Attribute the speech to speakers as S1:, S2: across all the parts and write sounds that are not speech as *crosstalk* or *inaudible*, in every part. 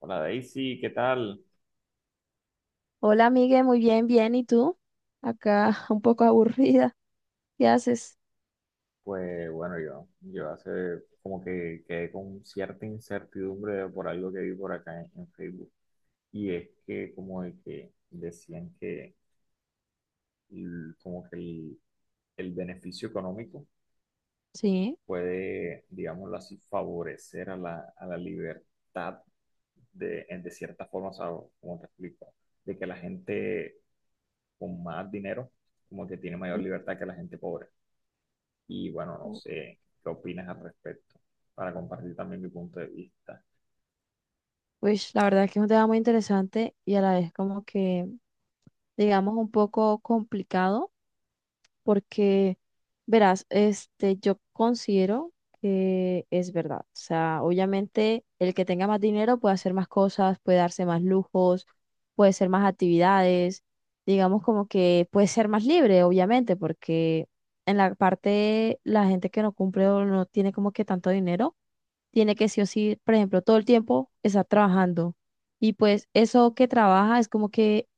S1: Hola Daisy, ¿qué tal?
S2: Hola, Migue, muy bien, bien. ¿Y tú? Acá *laughs* un poco aburrida. ¿Qué haces?
S1: Pues bueno, yo hace como que quedé con cierta incertidumbre por algo que vi por acá en Facebook. Y es que como de que decían que como que el beneficio económico
S2: Sí.
S1: puede, digámoslo así, favorecer a a la libertad de, de cierta forma, o sea, como te explico, de que la gente con más dinero como que tiene mayor libertad que la gente pobre. Y bueno, no sé qué opinas al respecto, para compartir también mi punto de vista.
S2: Pues la verdad que es un tema muy interesante y a la vez como que, digamos, un poco complicado. Porque, verás, yo considero que es verdad. O sea, obviamente el que tenga más dinero puede hacer más cosas, puede darse más lujos, puede hacer más actividades, digamos como que puede ser más libre, obviamente, porque en la parte la gente que no cumple o no tiene como que tanto dinero tiene que sí o sí, por ejemplo, todo el tiempo estar trabajando. Y pues eso que trabaja es como que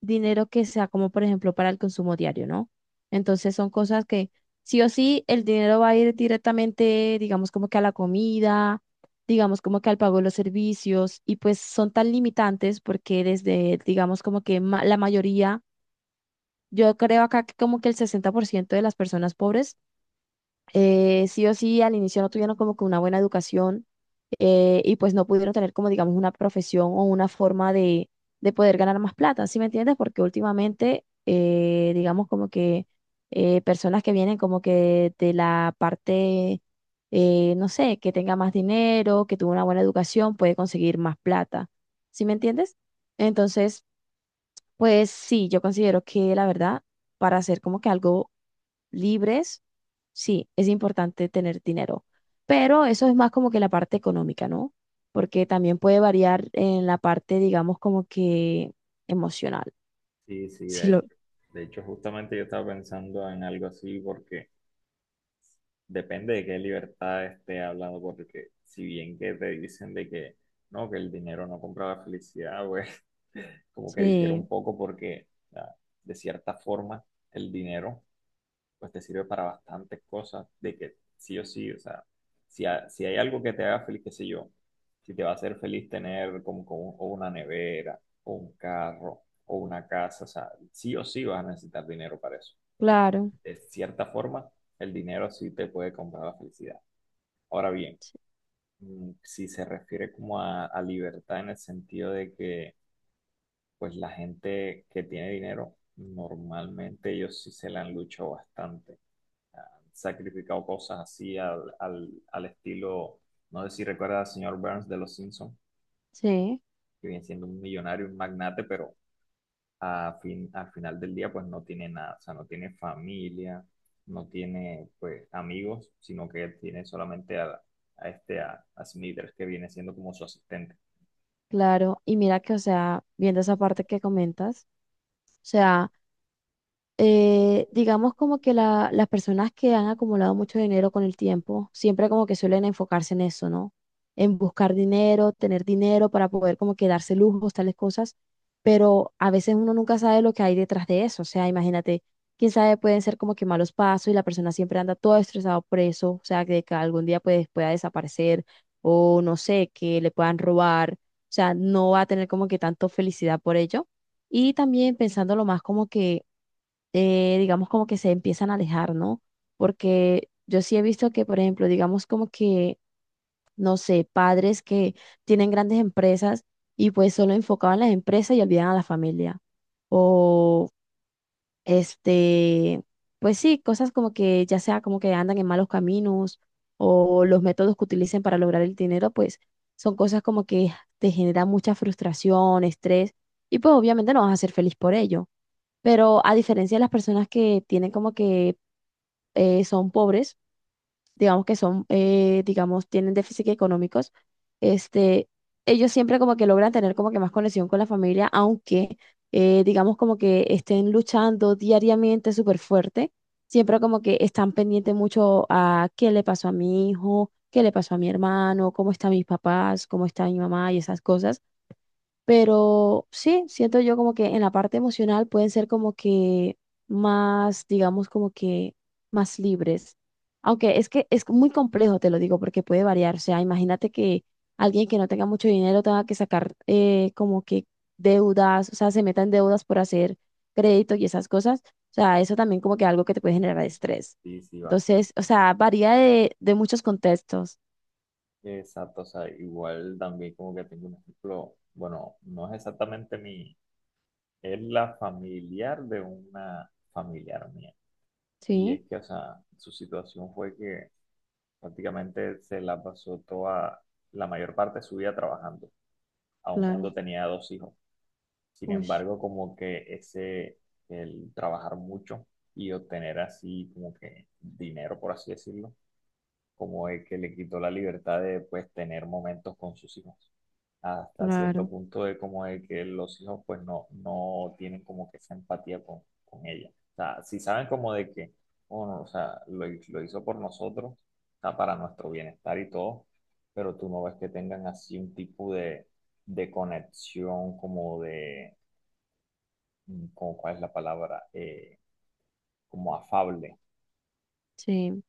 S2: dinero que sea como, por ejemplo, para el consumo diario, ¿no? Entonces son cosas que sí o sí el dinero va a ir directamente, digamos, como que a la comida, digamos, como que al pago de los servicios. Y pues son tan limitantes porque desde, digamos, como que la mayoría, yo creo acá que como que el 60% de las personas pobres sí o sí al inicio no tuvieron como que una buena educación y pues no pudieron tener como digamos una profesión o una forma de poder ganar más plata, ¿sí me entiendes? Porque últimamente digamos como que personas que vienen como que de la parte, no sé, que tenga más dinero, que tuvo una buena educación, puede conseguir más plata, ¿sí me entiendes? Entonces, pues sí, yo considero que la verdad, para hacer como que algo libres, sí, es importante tener dinero, pero eso es más como que la parte económica, ¿no? Porque también puede variar en la parte, digamos, como que emocional.
S1: Sí,
S2: *laughs*
S1: sí,
S2: Sí,
S1: de
S2: lo...
S1: hecho. De hecho, justamente yo estaba pensando en algo así porque depende de qué libertad esté hablando, porque si bien que te dicen de que no, que el dinero no compra la felicidad, pues *laughs* como que difiere un
S2: Sí,
S1: poco porque ah, de cierta forma el dinero pues te sirve para bastantes cosas, de que sí o sí, o sea, si hay algo que te haga feliz, qué sé yo, si te va a hacer feliz tener como o una nevera, o un carro, o una casa, o sea, sí o sí vas a necesitar dinero para eso. Así que,
S2: claro,
S1: de cierta forma, el dinero sí te puede comprar la felicidad. Ahora bien, mm, si se refiere como a libertad en el sentido de que, pues la gente que tiene dinero, normalmente ellos sí se la han luchado bastante, sacrificado cosas así al estilo, no sé si recuerda al señor Burns de Los Simpsons,
S2: sí,
S1: que viene siendo un millonario, un magnate, pero al final del día pues no tiene nada, o sea, no tiene familia, no tiene pues amigos, sino que él tiene solamente a este, a Smithers, que viene siendo como su asistente.
S2: claro. Y mira que, o sea, viendo esa parte que comentas, o sea, digamos como que las personas que han acumulado mucho dinero con el tiempo, siempre como que suelen enfocarse en eso, ¿no? En buscar dinero, tener dinero para poder como que darse lujos, tales cosas, pero a veces uno nunca sabe lo que hay detrás de eso, o sea, imagínate, quién sabe, pueden ser como que malos pasos y la persona siempre anda todo estresado por eso, o sea, que algún día pues pueda desaparecer o no sé, que le puedan robar, o sea, no va a tener como que tanto felicidad por ello. Y también pensándolo más como que digamos, como que se empiezan a alejar, ¿no? Porque yo sí he visto que, por ejemplo, digamos como que, no sé, padres que tienen grandes empresas y pues solo enfocaban las empresas y olvidan a la familia. O, este, pues sí, cosas como que ya sea como que andan en malos caminos o los métodos que utilicen para lograr el dinero, pues son cosas como que te generan mucha frustración, estrés y pues obviamente no vas a ser feliz por ello. Pero a diferencia de las personas que tienen como que son pobres, digamos que son, digamos, tienen déficit económicos, este, ellos siempre como que logran tener como que más conexión con la familia, aunque digamos como que estén luchando diariamente súper fuerte, siempre como que están pendientes mucho a qué le pasó a mi hijo, qué le pasó a mi hermano, cómo están mis papás, cómo está mi mamá y esas cosas. Pero sí, siento yo como que en la parte emocional pueden ser como que más, digamos, como que más libres. Aunque es que es muy complejo, te lo digo, porque puede variar. O sea, imagínate que alguien que no tenga mucho dinero tenga que sacar como que deudas, o sea, se meta en deudas por hacer crédito y esas cosas. O sea, eso también como que algo que te puede generar estrés.
S1: Sí, sí, va.
S2: Entonces, o sea, varía de muchos contextos.
S1: Exacto, o sea, igual también como que tengo un ejemplo, bueno, no es exactamente mi, es la familiar de una familiar mía. Y es
S2: Sí,
S1: que, o sea, su situación fue que prácticamente se la pasó toda, la mayor parte de su vida trabajando, aun
S2: claro.
S1: cuando tenía dos hijos. Sin
S2: Uy,
S1: embargo, el trabajar mucho y obtener así como que dinero, por así decirlo, como el que le quitó la libertad de pues tener momentos con sus hijos. Hasta cierto
S2: claro.
S1: punto es como de que los hijos pues no tienen como que esa empatía con ella. O sea, si saben como de que, bueno, o sea, lo hizo por nosotros, está para nuestro bienestar y todo, pero tú no ves que tengan así un tipo de conexión como de, mm, como, ¿cuál es la palabra? Como afable.
S2: Sí.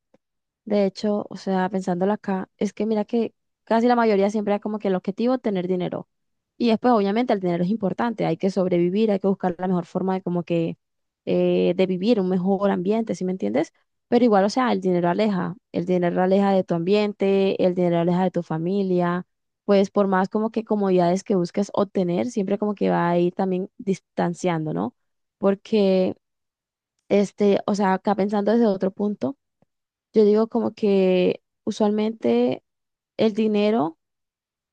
S2: De hecho, o sea, pensándolo acá, es que mira que casi la mayoría siempre es como que el objetivo tener dinero. Y después, obviamente, el dinero es importante, hay que sobrevivir, hay que buscar la mejor forma de como que de vivir un mejor ambiente, ¿sí me entiendes? Pero igual, o sea, el dinero aleja de tu ambiente, el dinero aleja de tu familia, pues por más como que comodidades que busques obtener, siempre como que va a ir también distanciando, ¿no? Porque, o sea, acá pensando desde otro punto. Yo digo como que usualmente el dinero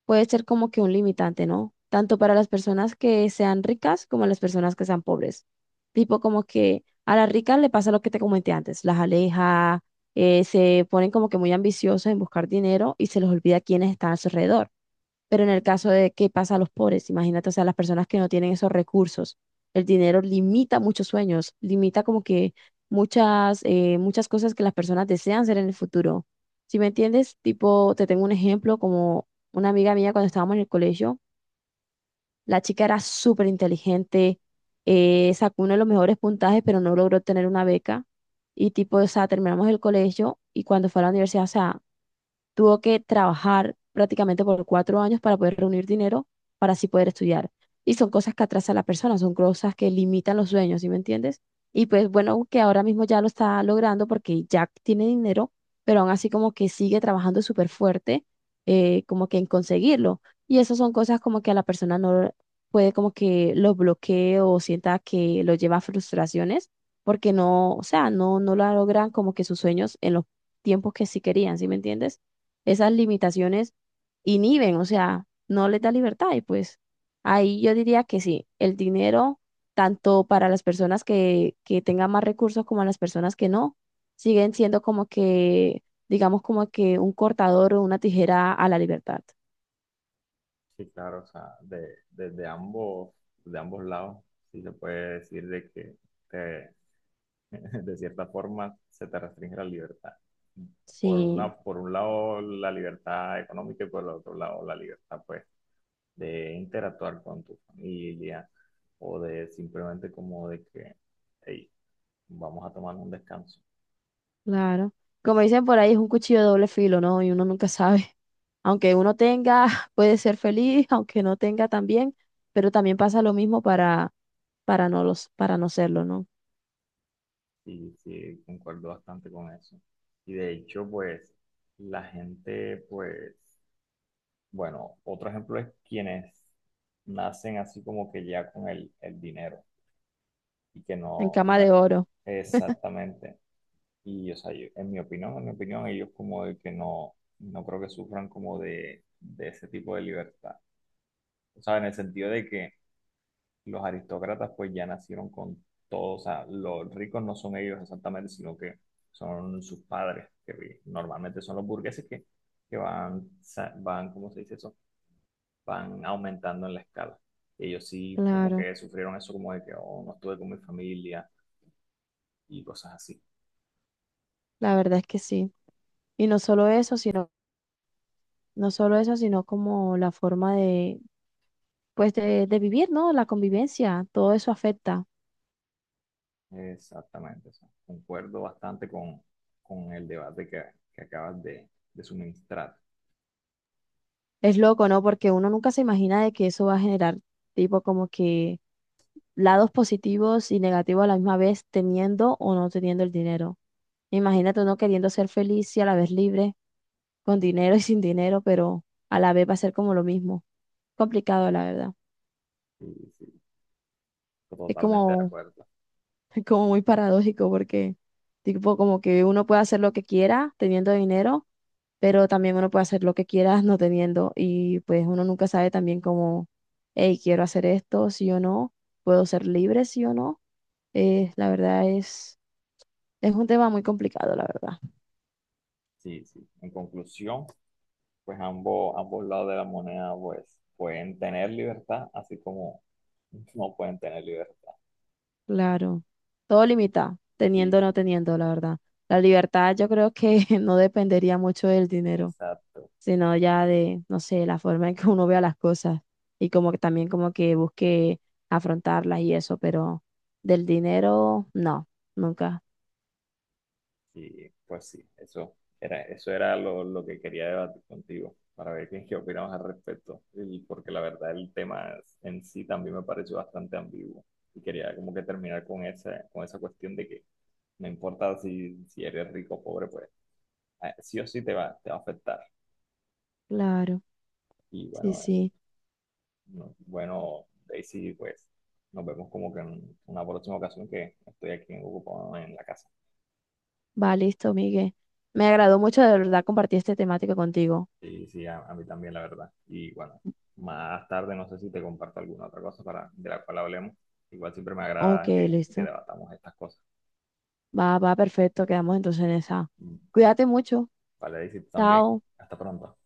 S2: puede ser como que un limitante, ¿no? Tanto para las personas que sean ricas como las personas que sean pobres. Tipo como que a las ricas le pasa lo que te comenté antes, las aleja, se ponen como que muy ambiciosas en buscar dinero y se les olvida quiénes están a su alrededor. Pero en el caso de qué pasa a los pobres, imagínate, o sea, las personas que no tienen esos recursos, el dinero limita muchos sueños, limita como que muchas, muchas cosas que las personas desean hacer en el futuro. Si me entiendes, tipo, te tengo un ejemplo como una amiga mía cuando estábamos en el colegio, la chica era súper inteligente, sacó uno de los mejores puntajes, pero no logró tener una beca. Y tipo, o sea, terminamos el colegio y cuando fue a la universidad, o sea, tuvo que trabajar prácticamente por 4 años para poder reunir dinero para así poder estudiar. Y son cosas que atrasan a la persona, son cosas que limitan los sueños, ¿sí me entiendes? Y pues bueno, que ahora mismo ya lo está logrando porque ya tiene dinero, pero aún así como que sigue trabajando súper fuerte, como que en conseguirlo. Y esas son cosas como que a la persona no puede como que lo bloquee o sienta que lo lleva a frustraciones porque no, o sea, no, no lo logran como que sus sueños en los tiempos que sí querían, ¿sí me entiendes? Esas limitaciones inhiben, o sea, no les da libertad. Y pues ahí yo diría que sí, el dinero, tanto para las personas que tengan más recursos como a las personas que no, siguen siendo como que, digamos, como que un cortador o una tijera a la libertad.
S1: Sí, claro, o sea, desde ambos, de ambos lados, sí se puede decir de que te- *laughs* de cierta forma se te restringe la libertad.
S2: Sí,
S1: Por un lado la libertad económica y por el otro lado la libertad, pues, de interactuar con tu familia o de simplemente como de que, hey, vamos a tomar un descanso.
S2: claro. Como dicen por ahí, es un cuchillo de doble filo, ¿no? Y uno nunca sabe. Aunque uno tenga, *laughs* puede ser feliz, aunque no tenga también, pero también pasa lo mismo para no los, para no serlo, ¿no?
S1: Y sí, concuerdo bastante con eso. Y de hecho, pues, la gente, pues, bueno, otro ejemplo es quienes nacen así como que ya con el dinero y que
S2: En cama
S1: no es
S2: de oro.
S1: exactamente. Y, o sea, en mi opinión, ellos como de que no creo que sufran como de ese tipo de libertad. O sea, en el sentido de que los aristócratas pues ya nacieron con todo, o sea, los ricos no son ellos exactamente, sino que son sus padres, que normalmente son los burgueses que van, van, ¿cómo se dice eso? Van aumentando en la escala. Ellos sí como
S2: Claro,
S1: que sufrieron eso como de que oh, no estuve con mi familia y cosas así.
S2: la verdad es que sí. Y no solo eso, sino, no solo eso, sino como la forma de, pues, de vivir, ¿no? La convivencia, todo eso afecta.
S1: Exactamente, o sea, concuerdo bastante con el debate que acabas de suministrar.
S2: Es loco, ¿no? Porque uno nunca se imagina de que eso va a generar, tipo, como que lados positivos y negativos a la misma vez, teniendo o no teniendo el dinero. Imagínate uno queriendo ser feliz y a la vez libre, con dinero y sin dinero, pero a la vez va a ser como lo mismo. Complicado, la verdad.
S1: Sí, sí,
S2: Es
S1: totalmente de
S2: como
S1: acuerdo.
S2: *laughs* como muy paradójico porque, tipo, como que uno puede hacer lo que quiera teniendo dinero, pero también uno puede hacer lo que quiera no teniendo. Y pues uno nunca sabe también como, hey, quiero hacer esto, sí o no, puedo ser libre, sí o no. La verdad es un tema muy complicado, la verdad.
S1: Sí, sí. En conclusión, pues ambos lados de la moneda pues pueden tener libertad, así como *laughs* no pueden tener libertad.
S2: Claro, todo limita,
S1: Sí,
S2: teniendo o no
S1: sí,
S2: teniendo, la verdad. La libertad yo creo que *laughs* no dependería mucho del dinero,
S1: exacto.
S2: sino ya de, no sé, la forma en que uno vea las cosas y como que también como que busque afrontarlas y eso, pero del dinero, no, nunca.
S1: Y pues sí, eso era lo que quería debatir contigo, para ver qué opinamos al respecto. Y porque la verdad el tema en sí también me pareció bastante ambiguo. Y quería como que terminar con esa cuestión de que no importa si eres rico o pobre, pues sí o sí te va a afectar.
S2: Claro,
S1: Y
S2: sí,
S1: bueno,
S2: sí.
S1: bueno, Daisy, pues nos vemos como que en una próxima ocasión que estoy aquí ocupado en la casa.
S2: Va, listo, Miguel. Me agradó mucho de verdad compartir este temático contigo.
S1: Sí, sí, a mí también, la verdad. Y bueno, más tarde no sé si te comparto alguna otra cosa para, de la cual hablemos. Igual siempre me
S2: Ok,
S1: agrada que
S2: listo.
S1: debatamos estas cosas.
S2: Va, va, perfecto. Quedamos entonces en esa.
S1: Mm.
S2: Cuídate mucho.
S1: Vale, y si tú también.
S2: Chao.
S1: Hasta pronto.